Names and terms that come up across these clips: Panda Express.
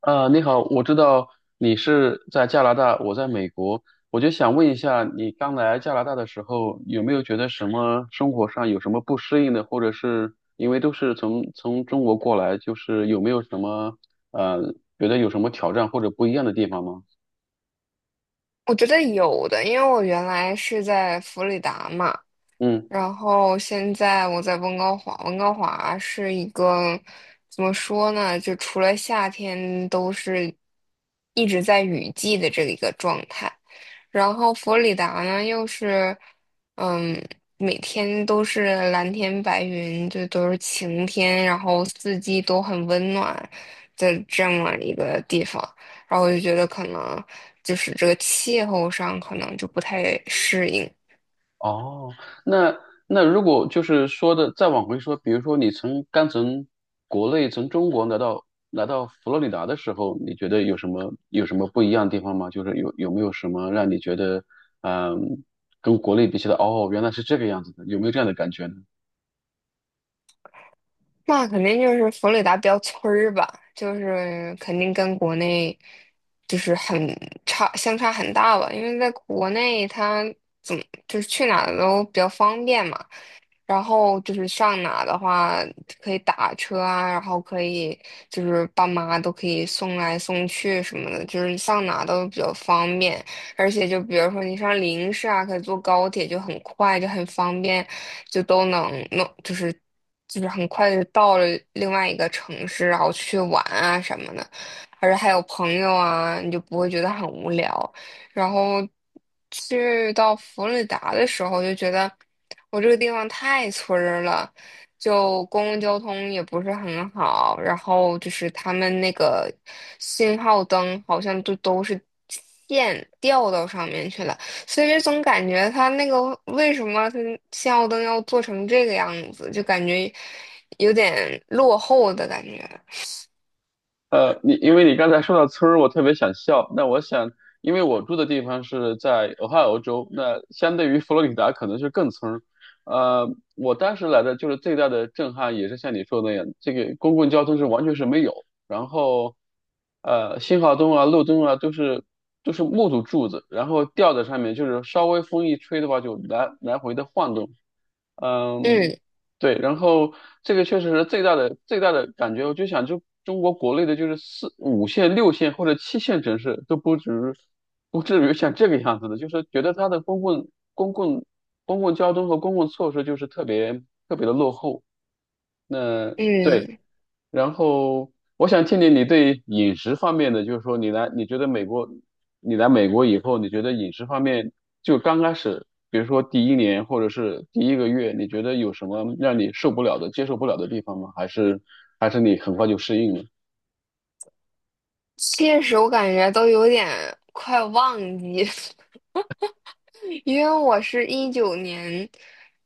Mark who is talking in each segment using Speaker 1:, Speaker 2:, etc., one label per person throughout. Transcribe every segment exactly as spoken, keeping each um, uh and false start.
Speaker 1: 呃，你好，我知道你是在加拿大，我在美国，我就想问一下，你刚来加拿大的时候，有没有觉得什么生活上有什么不适应的，或者是因为都是从从中国过来，就是有没有什么呃，觉得有什么挑战或者不一样的地方吗？
Speaker 2: 我觉得有的，因为我原来是在弗里达嘛，
Speaker 1: 嗯。
Speaker 2: 然后现在我在温哥华。温哥华是一个怎么说呢？就除了夏天都是一直在雨季的这一个状态。然后佛罗里达呢，又是嗯，每天都是蓝天白云，就都是晴天，然后四季都很温暖的这么一个地方。然后我就觉得可能就是这个气候上可能就不太适应。
Speaker 1: 哦，那那如果就是说的再往回说，比如说你从刚从国内从中国来到来到佛罗里达的时候，你觉得有什么有什么不一样的地方吗？就是有有没有什么让你觉得嗯、跟国内比起来，哦，原来是这个样子的，有没有这样的感觉呢？
Speaker 2: 那肯定就是佛罗里达标村儿吧，就是肯定跟国内就是很差，相差很大吧。因为在国内，它怎么就是去哪儿都比较方便嘛，然后就是上哪的话可以打车啊，然后可以就是爸妈都可以送来送去什么的，就是上哪都比较方便。而且就比如说你上临市啊，可以坐高铁，就很快，就很方便，就都能弄，就是就是很快就到了另外一个城市，然后去玩啊什么的，而且还有朋友啊，你就不会觉得很无聊。然后去到佛罗里达的时候，就觉得我这个地方太村儿了。就公共交通也不是很好，然后就是他们那个信号灯好像都都是线掉到上面去了，所以就总感觉他那个为什么他信号灯要做成这个样子，就感觉有点落后的感觉。
Speaker 1: 呃，你因为你刚才说到村儿，我特别想笑。那我想，因为我住的地方是在俄亥俄州，那相对于佛罗里达可能是更村儿。呃，我当时来的就是最大的震撼，也是像你说的那样，这个公共交通是完全是没有，然后呃，信号灯啊、路灯啊都是都是木头柱子，然后吊在上面，就是稍微风一吹的话就来来回的晃动。嗯，
Speaker 2: 嗯
Speaker 1: 对，然后这个确实是最大的最大的感觉，我就想就中国国内的就是四五线、六线或者七线城市都不止不至于像这个样子的，就是觉得它的公共公共公共交通和公共措施就是特别特别的落后。那对。
Speaker 2: 嗯，
Speaker 1: 然后我想听听你对饮食方面的，就是说你来，你觉得美国，你来美国以后，你觉得饮食方面就刚开始，比如说第一年或者是第一个月，你觉得有什么让你受不了的、接受不了的地方吗？还是还是你很快就适应了？
Speaker 2: 确实我感觉都有点快忘记。因为我是一九年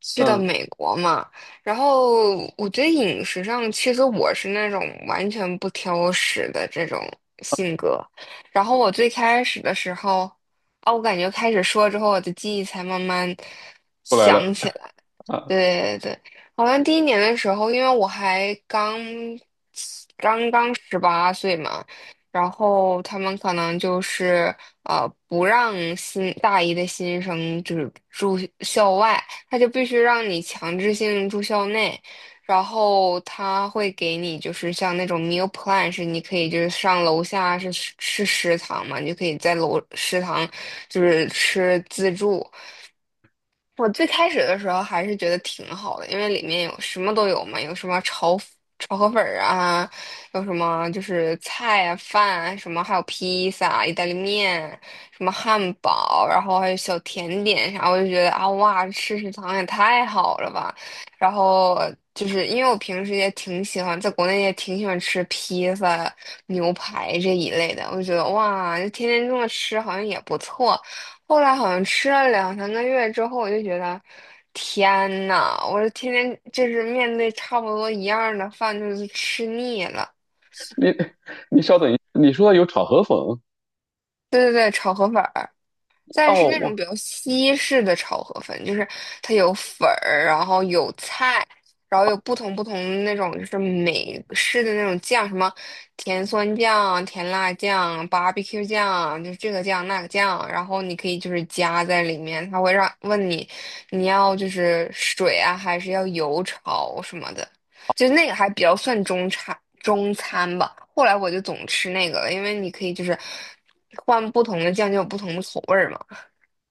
Speaker 2: 去的
Speaker 1: 嗯，
Speaker 2: 美国嘛，然后我觉得饮食上，其实我是那种完全不挑食的这种性格。然后我最开始的时候，啊，我感觉开始说之后，我的记忆才慢慢
Speaker 1: 过来了
Speaker 2: 想起来。
Speaker 1: 啊，
Speaker 2: 对对对，好像第一年的时候，因为我还刚刚刚十八岁嘛，然后他们可能就是呃不让新大一的新生就是住校外，他就必须让你强制性住校内，然后他会给你就是像那种 meal plan，是你可以就是上楼下是吃食堂嘛，你就可以在楼食堂就是吃自助。我最开始的时候还是觉得挺好的，因为里面有什么都有嘛，有什么炒炒河粉儿啊，有什么就是菜啊、饭啊，什么还有披萨啊、意大利面、什么汉堡，然后还有小甜点啥，我就觉得啊哇，吃食堂也太好了吧。然后就是因为我平时也挺喜欢，在国内也挺喜欢吃披萨、牛排这一类的，我就觉得哇，就天天这么吃好像也不错。后来好像吃了两三个月之后，我就觉得，天呐，我是天天就是面对差不多一样的饭，就是吃腻了。
Speaker 1: 你 你稍等一，你说有炒河粉
Speaker 2: 对对对，炒河粉儿。但是那种
Speaker 1: 哦，
Speaker 2: 比较西式的炒河粉，就是它有粉儿，然后有菜，然后有不同不同的那种就是美式的那种酱，什么甜酸酱、甜辣酱、barbecue 酱，就是这个酱那个酱，然后你可以就是加在里面，它会让问你你要就是水啊，还是要油炒什么的，就那个还比较算中餐中餐吧。后来我就总吃那个了，因为你可以就是换不同的酱就有不同的口味儿嘛。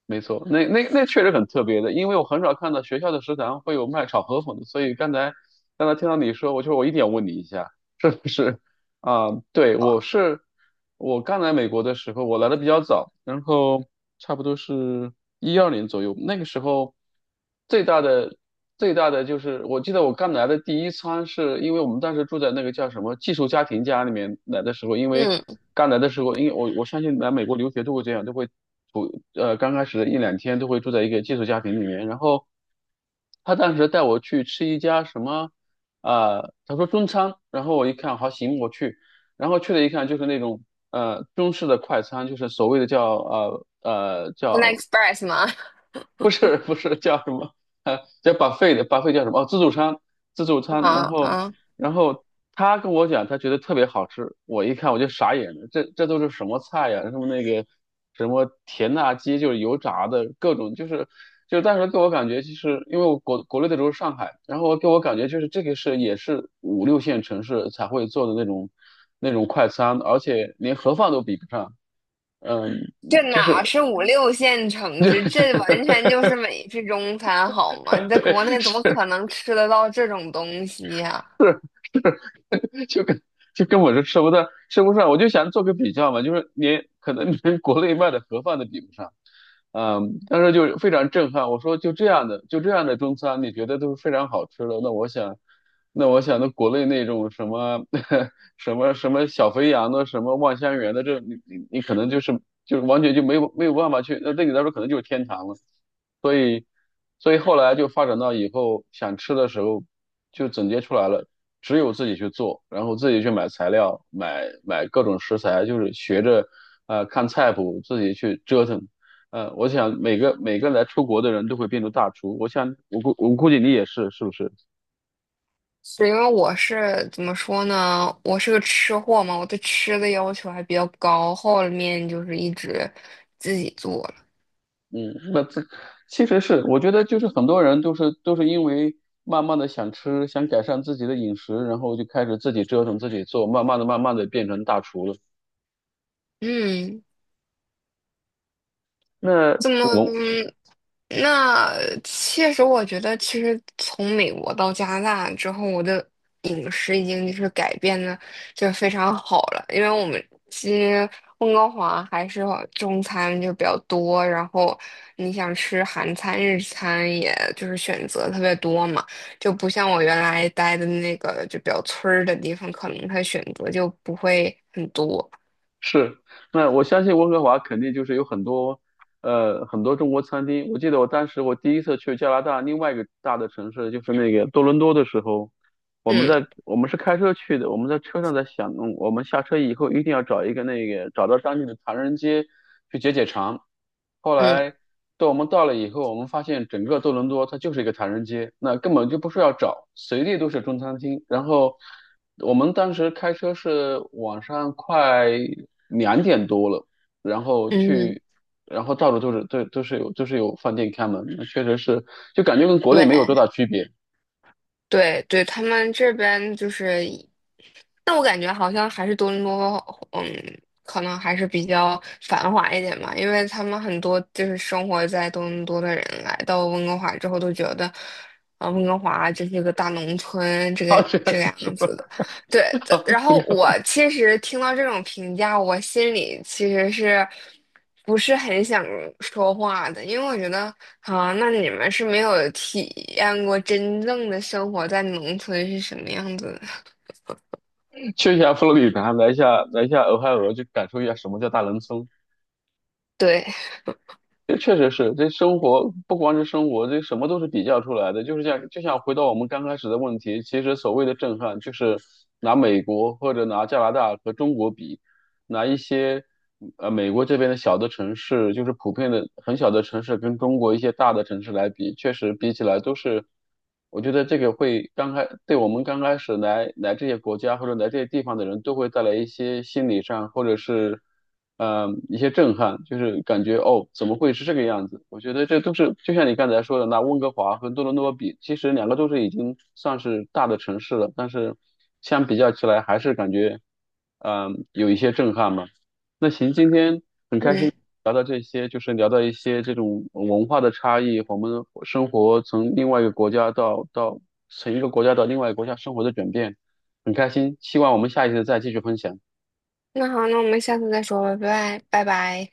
Speaker 1: 没错，那那那确实很特别的，因为我很少看到学校的食堂会有卖炒河粉的，所以刚才刚才听到你说，我就我一定要问你一下，是不是啊？对，我是我刚来美国的时候，我来的比较早，然后差不多是一二年左右，那个时候最大的最大的就是，我记得我刚来的第一餐是因为我们当时住在那个叫什么寄宿家庭家里面来的时候，因为
Speaker 2: 嗯
Speaker 1: 刚来的时候，因为我我相信来美国留学都会这样，就会不呃刚开始的一两天都会住在一个寄宿家庭里面，然后他当时带我去吃一家什么啊、呃他说中餐，然后我一看好行我去，然后去了一看就是那种呃中式的快餐，就是所谓的叫呃呃
Speaker 2: ，Panda
Speaker 1: 叫
Speaker 2: Express 吗？
Speaker 1: 不是不是叫什么？呃，叫 b u 的 b u 叫什么？哦，自助餐，自助餐。然
Speaker 2: 啊
Speaker 1: 后，
Speaker 2: 啊，
Speaker 1: 然后他跟我讲，他觉得特别好吃。我一看我就傻眼了，这这都是什么菜呀？什么那个什么甜辣鸡，就是油炸的各种，就是就是当时给我感觉，就是因为我国国内的时候是上海，然后给我感觉就是这个是也是五六线城市才会做的那种那种快餐，而且连盒饭都比不上。嗯，
Speaker 2: 这
Speaker 1: 就
Speaker 2: 哪
Speaker 1: 是
Speaker 2: 是五六线 城
Speaker 1: 就
Speaker 2: 市？
Speaker 1: 是
Speaker 2: 这完全就是美式中餐，好吗？你在
Speaker 1: 对
Speaker 2: 国内怎么可能吃得到这种东西呀、
Speaker 1: 就跟就跟我是吃不到吃不上，我就想做个比较嘛，就是连可能连国内卖的盒饭都比不上，嗯，当时就非常震撼。我说就这样的就这样的中餐，你觉得都是非常好吃的，那我想。那我想，那国内那种什么 什么什么小肥羊的，什么望香园的，这你你你可能就是就是完全就没有没有办法去，那对你来说可能就是天堂了。所以后来就发展到以后想吃的时候，就总结出来了，只有自己去做，然后自己去买材料，买买各种食材，就是学着呃看菜谱自己去折腾。呃，我想每个每个来出国的人都会变成大厨，我想我估我估计你也是，是不是？
Speaker 2: 是因为我是怎么说呢？我是个吃货嘛，我对吃的要求还比较高，后面就是一直自己做了。
Speaker 1: 嗯，那这其实是我觉得就是很多人都是都是因为慢慢的想吃，想改善自己的饮食，然后就开始自己折腾自己做，慢慢的慢慢的变成大厨了。
Speaker 2: 嗯，
Speaker 1: 那
Speaker 2: 怎么？
Speaker 1: 我
Speaker 2: 那确实，我觉得其实从美国到加拿大之后，我的饮食已经就是改变的，就是非常好了。因为我们其实温哥华还是中餐就比较多，然后你想吃韩餐、日餐，也就是选择特别多嘛，就不像我原来待的那个就比较村儿的地方，可能它选择就不会很多。
Speaker 1: 是，那我相信温哥华肯定就是有很多，呃，很多中国餐厅。我记得我当时我第一次去加拿大另外一个大的城市，就是那个多伦多的时候，我们在
Speaker 2: 嗯
Speaker 1: 我们是开车去的，我们在车上在想，嗯我们下车以后一定要找一个那个找到当地的唐人街去解解馋。后
Speaker 2: 嗯
Speaker 1: 来到我们到了以后，我们发现整个多伦多它就是一个唐人街，那根本就不需要找，随地都是中餐厅。然后我们当时开车是晚上快两点多了，然后
Speaker 2: 嗯，
Speaker 1: 去，然后到处都是都都是有都是有饭店开门，确实是就感觉跟国内
Speaker 2: 对。
Speaker 1: 没有多大区别。
Speaker 2: 对对，他们这边就是，但我感觉好像还是多伦多，嗯，可能还是比较繁华一点吧，因为他们很多就是生活在多伦多的人来到温哥华之后都觉得，啊、温哥华这是个大农村，这 个
Speaker 1: 啊，这
Speaker 2: 这
Speaker 1: 样
Speaker 2: 个
Speaker 1: 子说。
Speaker 2: 样子的。对的，然
Speaker 1: 应
Speaker 2: 后
Speaker 1: 该
Speaker 2: 我
Speaker 1: 吧
Speaker 2: 其实听到这种评价，我心里其实是不是很想说话的，因为我觉得啊，那你们是没有体验过真正的生活在农村是什么样子的。
Speaker 1: 去一下佛罗里达，来一下来一下俄亥俄，去感受一下什么叫大农村。
Speaker 2: 对，
Speaker 1: 这确实是，这生活不光是生活，这什么都是比较出来的。就是像就像回到我们刚开始的问题，其实所谓的震撼，就是拿美国或者拿加拿大和中国比，拿一些呃美国这边的小的城市，就是普遍的很小的城市，跟中国一些大的城市来比，确实比起来都是，我觉得这个会刚开，对我们刚开始来来这些国家或者来这些地方的人都会带来一些心理上或者是呃一些震撼，就是感觉哦怎么会是这个样子？我觉得这都是就像你刚才说的，拿温哥华和多伦多比，其实两个都是已经算是大的城市了，但是相比较起来还是感觉。嗯，有一些震撼嘛。那行，今天
Speaker 2: 嗯，
Speaker 1: 聊到这些，就是聊到一些这种文化的差异，我们生活从另外一个国家到到从一个国家到另外一个国家生活的转变，很开心。希望我们下一次再继续分享。
Speaker 2: 那好，那我们下次再说吧，拜拜，拜拜。